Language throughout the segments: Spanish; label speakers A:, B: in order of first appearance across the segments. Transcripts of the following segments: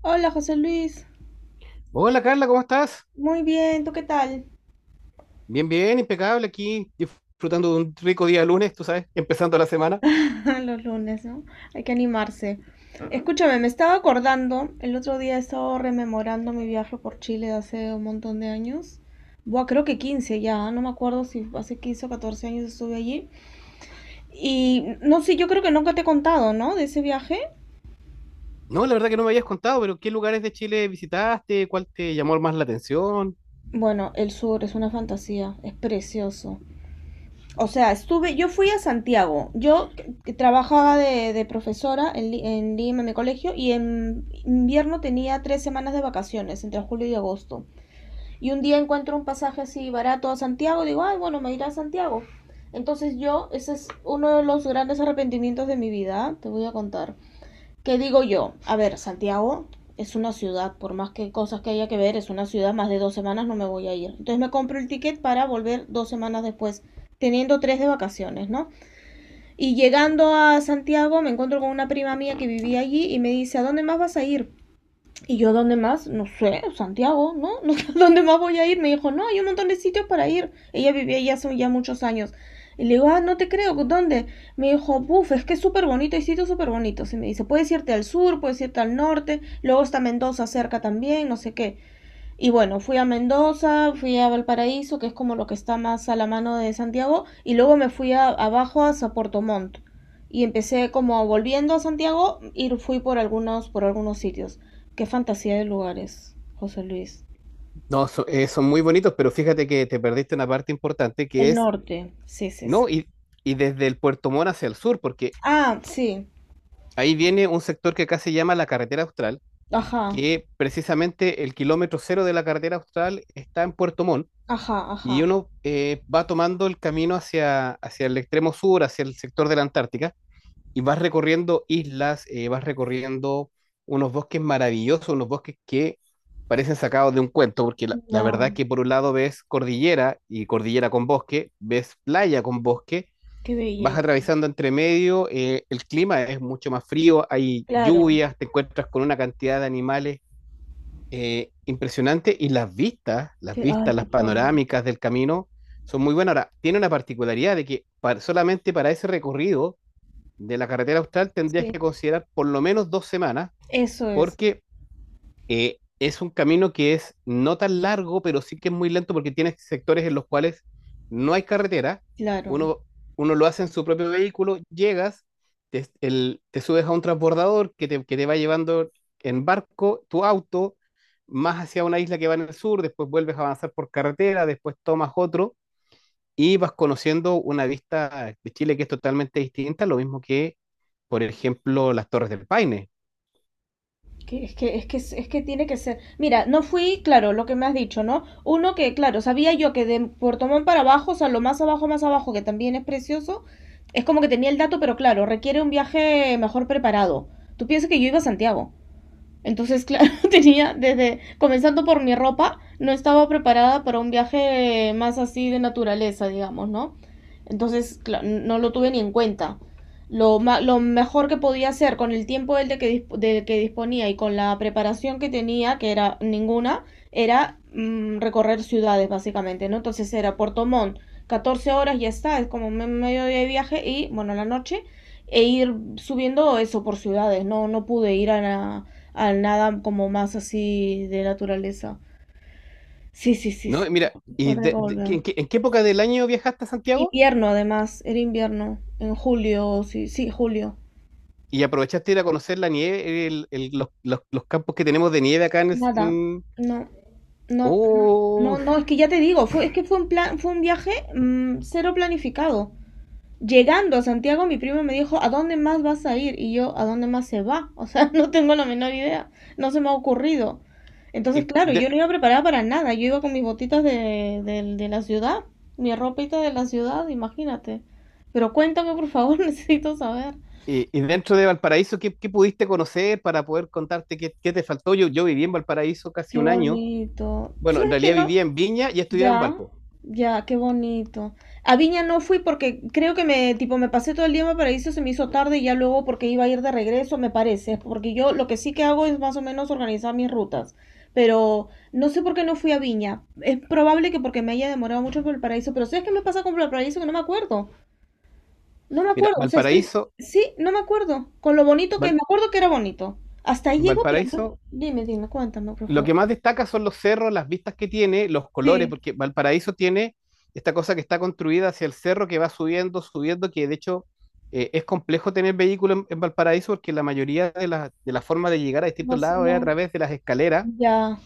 A: Hola José Luis,
B: Hola Carla, ¿cómo estás?
A: muy bien, ¿tú qué tal?
B: Bien, bien, impecable aquí, disfrutando de un rico día lunes, tú sabes, empezando la semana.
A: Los lunes, ¿no? Hay que animarse. Escúchame, me estaba acordando, el otro día estaba rememorando mi viaje por Chile de hace un montón de años. Buah, creo que 15 ya, ¿eh? No me acuerdo si hace 15 o 14 años estuve allí. Y no sé, yo creo que nunca te he contado, ¿no? De ese viaje.
B: No, la verdad que no me habías contado, pero ¿qué lugares de Chile visitaste? ¿Cuál te llamó más la atención?
A: Bueno, el sur es una fantasía, es precioso. O sea, estuve, yo fui a Santiago, yo que trabajaba de profesora en, en Lima, en mi colegio, y en invierno tenía tres semanas de vacaciones, entre julio y agosto. Y un día encuentro un pasaje así barato a Santiago, digo, ay, bueno, me iré a Santiago. Entonces yo, ese es uno de los grandes arrepentimientos de mi vida, te voy a contar. ¿Qué digo yo? A ver, Santiago es una ciudad, por más que cosas que haya que ver, es una ciudad, más de dos semanas no me voy a ir. Entonces me compro el ticket para volver dos semanas después, teniendo tres de vacaciones, ¿no? Y llegando a Santiago me encuentro con una prima mía que vivía allí y me dice, ¿a dónde más vas a ir? Y yo, ¿dónde más? No sé, Santiago, ¿no? No. ¿Dónde más voy a ir? Me dijo, no, hay un montón de sitios para ir. Ella vivía allá hace ya muchos años. Y le digo, ah, no te creo, ¿dónde? Me dijo, buf, es que es súper bonito, hay sitios súper bonitos. Y me dice, puedes irte al sur, puedes irte al norte, luego está Mendoza cerca también, no sé qué. Y bueno, fui a Mendoza, fui a Valparaíso, que es como lo que está más a la mano de Santiago, y luego me fui abajo hasta Puerto Montt. Y empecé como volviendo a Santiago y fui por algunos sitios. Qué fantasía de lugares, José Luis.
B: No, son muy bonitos, pero fíjate que te perdiste una parte importante que
A: El
B: es,
A: norte, sí, sí, sí.
B: no, y desde el Puerto Montt hacia el sur, porque
A: Ah, sí,
B: ahí viene un sector que acá se llama la Carretera Austral,
A: ajá,
B: que precisamente el kilómetro cero de la Carretera Austral está en Puerto Montt.
A: ajá,
B: Y
A: ajá.
B: uno va tomando el camino hacia, hacia el extremo sur, hacia el sector de la Antártica, y vas recorriendo islas, vas recorriendo unos bosques maravillosos, unos bosques que parecen sacados de un cuento, porque la
A: Ya,
B: verdad que por un lado ves cordillera y cordillera con bosque, ves playa con bosque,
A: qué
B: vas
A: belleza.
B: atravesando entre medio, el clima es mucho más frío, hay
A: Claro,
B: lluvias, te encuentras con una cantidad de animales impresionante, y las vistas, las
A: que, ay,
B: vistas, las
A: por favor.
B: panorámicas del camino son muy buenas. Ahora, tiene una particularidad de que solamente para ese recorrido de la carretera austral tendrías
A: Sí,
B: que considerar por lo menos 2 semanas
A: eso es,
B: porque es un camino que es no tan largo, pero sí que es muy lento porque tiene sectores en los cuales no hay carretera.
A: claro.
B: Uno, uno lo hace en su propio vehículo, llegas, te subes a un transbordador que te va llevando en barco tu auto más hacia una isla que va en el sur, después vuelves a avanzar por carretera, después tomas otro y vas conociendo una vista de Chile que es totalmente distinta, lo mismo que, por ejemplo, las Torres del Paine.
A: Es que, tiene que ser. Mira, no fui, claro, lo que me has dicho, ¿no? Uno que, claro, sabía yo que de Puerto Montt para abajo, o sea, lo más abajo, que también es precioso, es como que tenía el dato, pero claro, requiere un viaje mejor preparado. ¿Tú piensas que yo iba a Santiago? Entonces, claro, tenía desde, comenzando por mi ropa, no estaba preparada para un viaje más así de naturaleza, digamos, ¿no? Entonces, no lo tuve ni en cuenta. Lo mejor que podía hacer con el tiempo del que disponía y con la preparación que tenía, que era ninguna, era recorrer ciudades, básicamente, ¿no? Entonces era Puerto Montt, 14 horas, ya está, es como medio día de viaje y, bueno, la noche, e ir subiendo eso por ciudades, no pude ir a al nada como más así de naturaleza. Sí, sí, sí, sí.
B: No, mira, ¿y
A: Tendré que volver.
B: en qué época del año viajaste a Santiago?
A: Invierno, además, era invierno, en julio, sí, sí, julio.
B: ¿Y aprovechaste de ir a conocer la nieve, los campos que tenemos de nieve acá en...
A: Nada, no, no, no, no,
B: Oh,
A: no, es que ya te digo, fue, es que fue un plan, fue un viaje cero planificado. Llegando a Santiago, mi primo me dijo, ¿a dónde más vas a ir? Y yo, ¿a dónde más se va? O sea, no tengo la menor idea, no se me ha ocurrido. Entonces,
B: y,
A: claro, yo
B: de-
A: no iba preparada para nada, yo iba con mis botitas de la ciudad, mi ropita de la ciudad, imagínate. Pero cuéntame, por favor, necesito saber.
B: y dentro de Valparaíso, ¿qué pudiste conocer para poder contarte qué te faltó? Yo viví en Valparaíso casi
A: Qué
B: un año.
A: bonito. ¿Tú
B: Bueno, en
A: sabes que
B: realidad
A: no?
B: vivía en Viña y estudiaba en
A: Ya,
B: Valpo.
A: ya, qué bonito. A Viña no fui porque creo que me, tipo, me pasé todo el día en Valparaíso, se me hizo tarde y ya luego porque iba a ir de regreso, me parece, porque yo lo que sí que hago es más o menos organizar mis rutas, pero no sé por qué no fui a Viña. Es probable que porque me haya demorado mucho por Valparaíso, pero ¿sabes qué me pasa con Valparaíso? Que no me acuerdo. No me
B: Mira,
A: acuerdo, o sea, estoy,
B: Valparaíso,
A: sí, no me acuerdo. Con lo bonito que,
B: Val-
A: me acuerdo que era bonito. Hasta ahí llego, pero
B: Valparaíso.
A: no. Dime, dime, cuéntame, por
B: Lo
A: favor.
B: que más destaca son los cerros, las vistas que tiene, los colores,
A: Sí,
B: porque Valparaíso tiene esta cosa que está construida hacia el cerro que va subiendo, subiendo, que de hecho es complejo tener vehículo en Valparaíso porque la mayoría de las de la formas de llegar a
A: no
B: distintos
A: sé,
B: lados es a
A: no.
B: través de las escaleras.
A: Ya.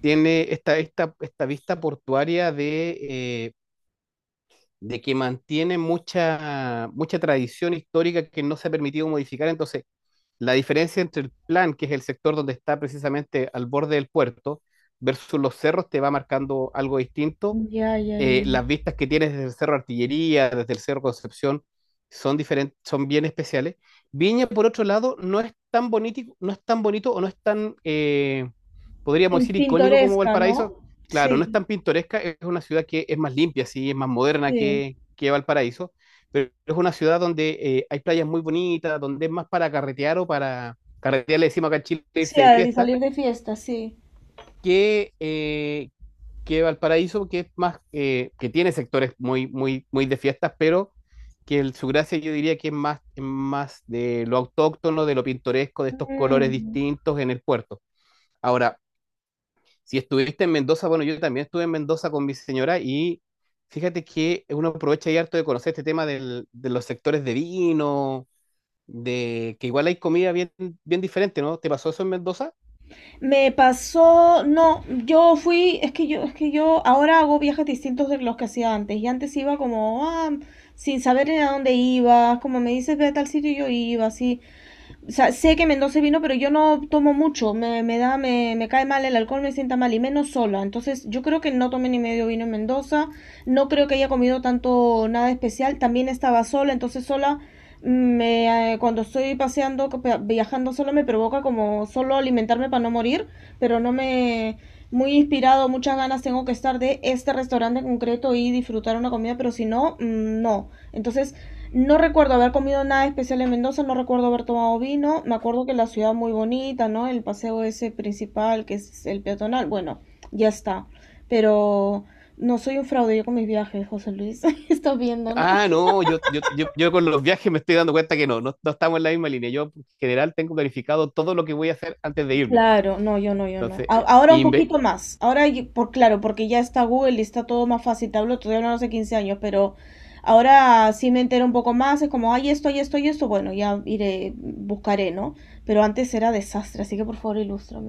B: Tiene esta vista portuaria de que mantiene mucha tradición histórica que no se ha permitido modificar. Entonces, la diferencia entre el plan, que es el sector donde está precisamente al borde del puerto, versus los cerros, te va marcando algo distinto.
A: Ya, ya, ya.
B: Las vistas que tienes desde el Cerro Artillería, desde el Cerro Concepción, son diferentes, son bien especiales. Viña, por otro lado, no es tan bonito, no es tan bonito o no es tan, podríamos decir, icónico como
A: Pintoresca,
B: Valparaíso.
A: ¿no?
B: Claro, no es
A: Sí,
B: tan pintoresca, es una ciudad que es más limpia, sí, es más moderna
A: sí.
B: que Valparaíso, pero es una ciudad donde hay playas muy bonitas, donde es más para carretear o para carretear, le decimos acá en Chile,
A: Sí,
B: irse de
A: al de
B: fiesta,
A: salir de fiesta, sí.
B: que, eh, que Valparaíso, que es más, que tiene sectores muy de fiestas, pero que su gracia yo diría que es más de lo autóctono, de lo pintoresco, de estos colores
A: Mm.
B: distintos en el puerto. Ahora, si estuviste en Mendoza, bueno, yo también estuve en Mendoza con mi señora, y fíjate que uno aprovecha y harto de conocer este tema de los sectores de vino, de que igual hay comida bien, bien diferente, ¿no? ¿Te pasó eso en Mendoza?
A: Me pasó, no, yo fui, es que yo ahora hago viajes distintos de los que hacía antes. Y antes iba como, ah, sin saber ni a dónde iba, como me dices, ve a tal sitio, yo iba, así. O sea, sé que Mendoza vino, pero yo no tomo mucho. Me da, me cae mal el alcohol, me sienta mal y menos sola. Entonces, yo creo que no tomé ni medio vino en Mendoza. No creo que haya comido tanto nada especial. También estaba sola, entonces sola cuando estoy paseando, viajando sola me provoca como solo alimentarme para no morir, pero no me muy inspirado, muchas ganas tengo que estar de este restaurante en concreto y disfrutar una comida, pero si no, no. Entonces, no recuerdo haber comido nada especial en Mendoza, no recuerdo haber tomado vino. Me acuerdo que la ciudad muy bonita, ¿no? El paseo ese principal, que es el peatonal. Bueno, ya está. Pero no soy un fraude yo con mis viajes, José Luis. Estás viendo, ¿no?
B: Ah, no, yo con los viajes me estoy dando cuenta que no estamos en la misma línea. Yo en general tengo planificado todo lo que voy a hacer antes de irme.
A: Claro, no, yo no.
B: Entonces,
A: Ahora un
B: inve-
A: poquito más. Ahora, yo- por claro, porque ya está Google y está todo más fácil. Te hablo, todavía no hace 15 años, pero ahora sí me entero un poco más. Es como, ay, esto, y esto. Bueno, ya iré, buscaré, ¿no? Pero antes era desastre, así que por favor, ilústrame.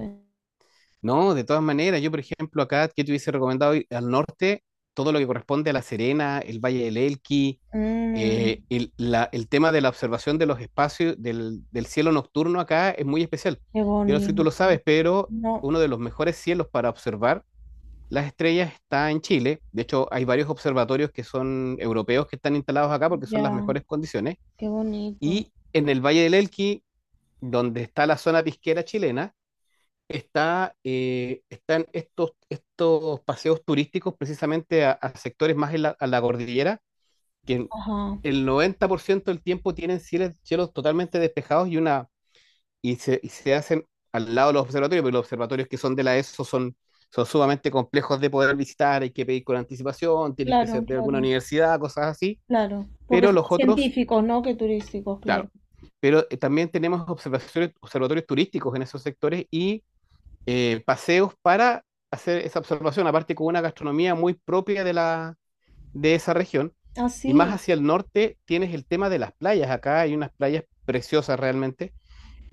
B: no, de todas maneras, yo por ejemplo acá, que te hubiese recomendado ir al norte, todo lo que corresponde a La Serena, el Valle del Elqui,
A: Mm,
B: el tema de la observación de los espacios del cielo nocturno acá es muy especial.
A: qué
B: Yo no sé si tú lo
A: bonito.
B: sabes, pero
A: No,
B: uno de los mejores cielos para observar Las Estrellas está en Chile. De hecho, hay varios observatorios que son europeos que están instalados acá porque son las
A: ya,
B: mejores condiciones.
A: qué bonito.
B: Y en el Valle del Elqui, donde está la zona pisquera chilena, está, están estos paseos turísticos precisamente a sectores más en a la cordillera, que
A: Ajá,
B: el 90% del tiempo tienen cielos, cielos totalmente despejados, y se hacen al lado de los observatorios, pero los observatorios que son de la ESO son, son sumamente complejos de poder visitar, hay que pedir con anticipación, tienes que
A: claro,
B: ser de alguna
A: claro,
B: universidad, cosas así,
A: claro. Porque
B: pero
A: son
B: los
A: más
B: otros,
A: científicos, ¿no? Que turísticos, claro.
B: claro, pero también tenemos observaciones, observatorios turísticos en esos sectores y paseos para hacer esa observación, aparte con una gastronomía muy propia de, de esa región.
A: Ah,
B: Y más
A: sí,
B: hacia el norte tienes el tema de las playas. Acá hay unas playas preciosas realmente.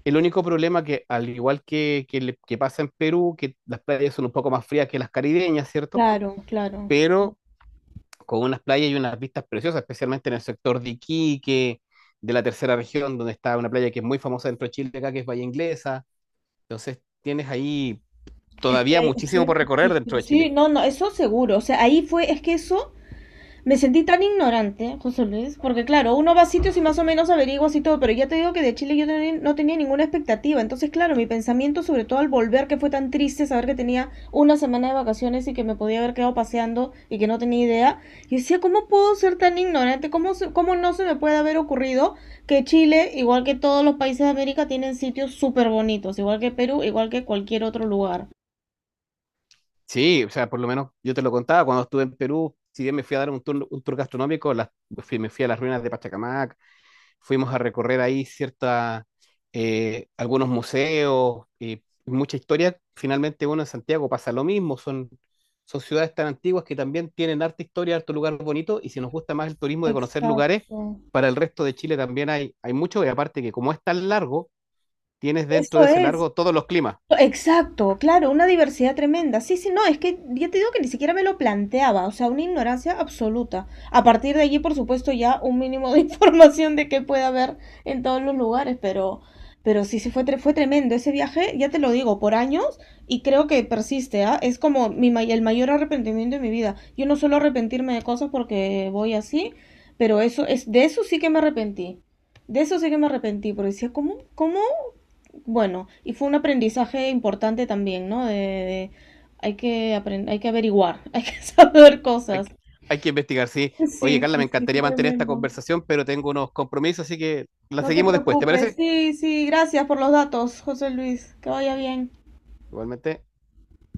B: El único problema que, al igual que, que pasa en Perú, que las playas son un poco más frías que las caribeñas, ¿cierto?
A: claro, claro.
B: Pero con unas playas y unas vistas preciosas, especialmente en el sector de Iquique, de la tercera región, donde está una playa que es muy famosa dentro de Chile, acá, que es Bahía Inglesa. Entonces tienes ahí todavía
A: Es que
B: muchísimo
A: hay
B: por recorrer dentro
A: muchísimo.
B: de
A: Sí,
B: Chile.
A: no, no, eso seguro. O sea, ahí fue, es que eso me sentí tan ignorante, José Luis, porque claro, uno va a sitios y más o menos averiguas y todo, pero ya te digo que de Chile yo no tenía ninguna expectativa. Entonces, claro, mi pensamiento, sobre todo al volver, que fue tan triste saber que tenía una semana de vacaciones y que me podía haber quedado paseando y que no tenía idea, yo decía, ¿cómo puedo ser tan ignorante? ¿Cómo, cómo no se me puede haber ocurrido que Chile, igual que todos los países de América, tienen sitios súper bonitos, igual que Perú, igual que cualquier otro lugar?
B: Sí, o sea, por lo menos yo te lo contaba cuando estuve en Perú, si bien me fui a dar un tour gastronómico, me fui a las ruinas de Pachacamac, fuimos a recorrer ahí cierta, algunos museos, y mucha historia. Finalmente uno en Santiago pasa lo mismo, son ciudades tan antiguas que también tienen harta historia, harto lugar bonito, y si nos gusta más el turismo de conocer lugares,
A: Exacto.
B: para el resto de Chile también hay mucho, y aparte que como es tan largo, tienes dentro
A: Eso
B: de ese
A: es.
B: largo todos los climas.
A: Exacto, claro, una diversidad tremenda. Sí, sí, no, es que ya te digo que ni siquiera me lo planteaba, o sea, una ignorancia absoluta. A partir de allí, por supuesto, ya un mínimo de información de qué puede haber en todos los lugares, pero sí, sí fue, fue tremendo ese viaje, ya te lo digo, por años y creo que persiste, ¿ah? Es como mi, el mayor arrepentimiento de mi vida. Yo no suelo arrepentirme de cosas porque voy así, pero eso es, de eso sí que me arrepentí. De eso sí que me arrepentí, porque decía, ¿cómo, cómo bueno, y fue un aprendizaje importante también, ¿no? Hay que aprender, hay que averiguar, hay que saber
B: Hay,
A: cosas.
B: que- Hay que investigar, sí. Oye,
A: Sí,
B: Carla,
A: sí,
B: me
A: sí, fue
B: encantaría mantener esta
A: tremendo.
B: conversación, pero tengo unos compromisos, así que la
A: No te
B: seguimos después, ¿te
A: preocupes.
B: parece?
A: Sí, sí, gracias por los datos, José Luis. Que vaya bien.
B: Igualmente.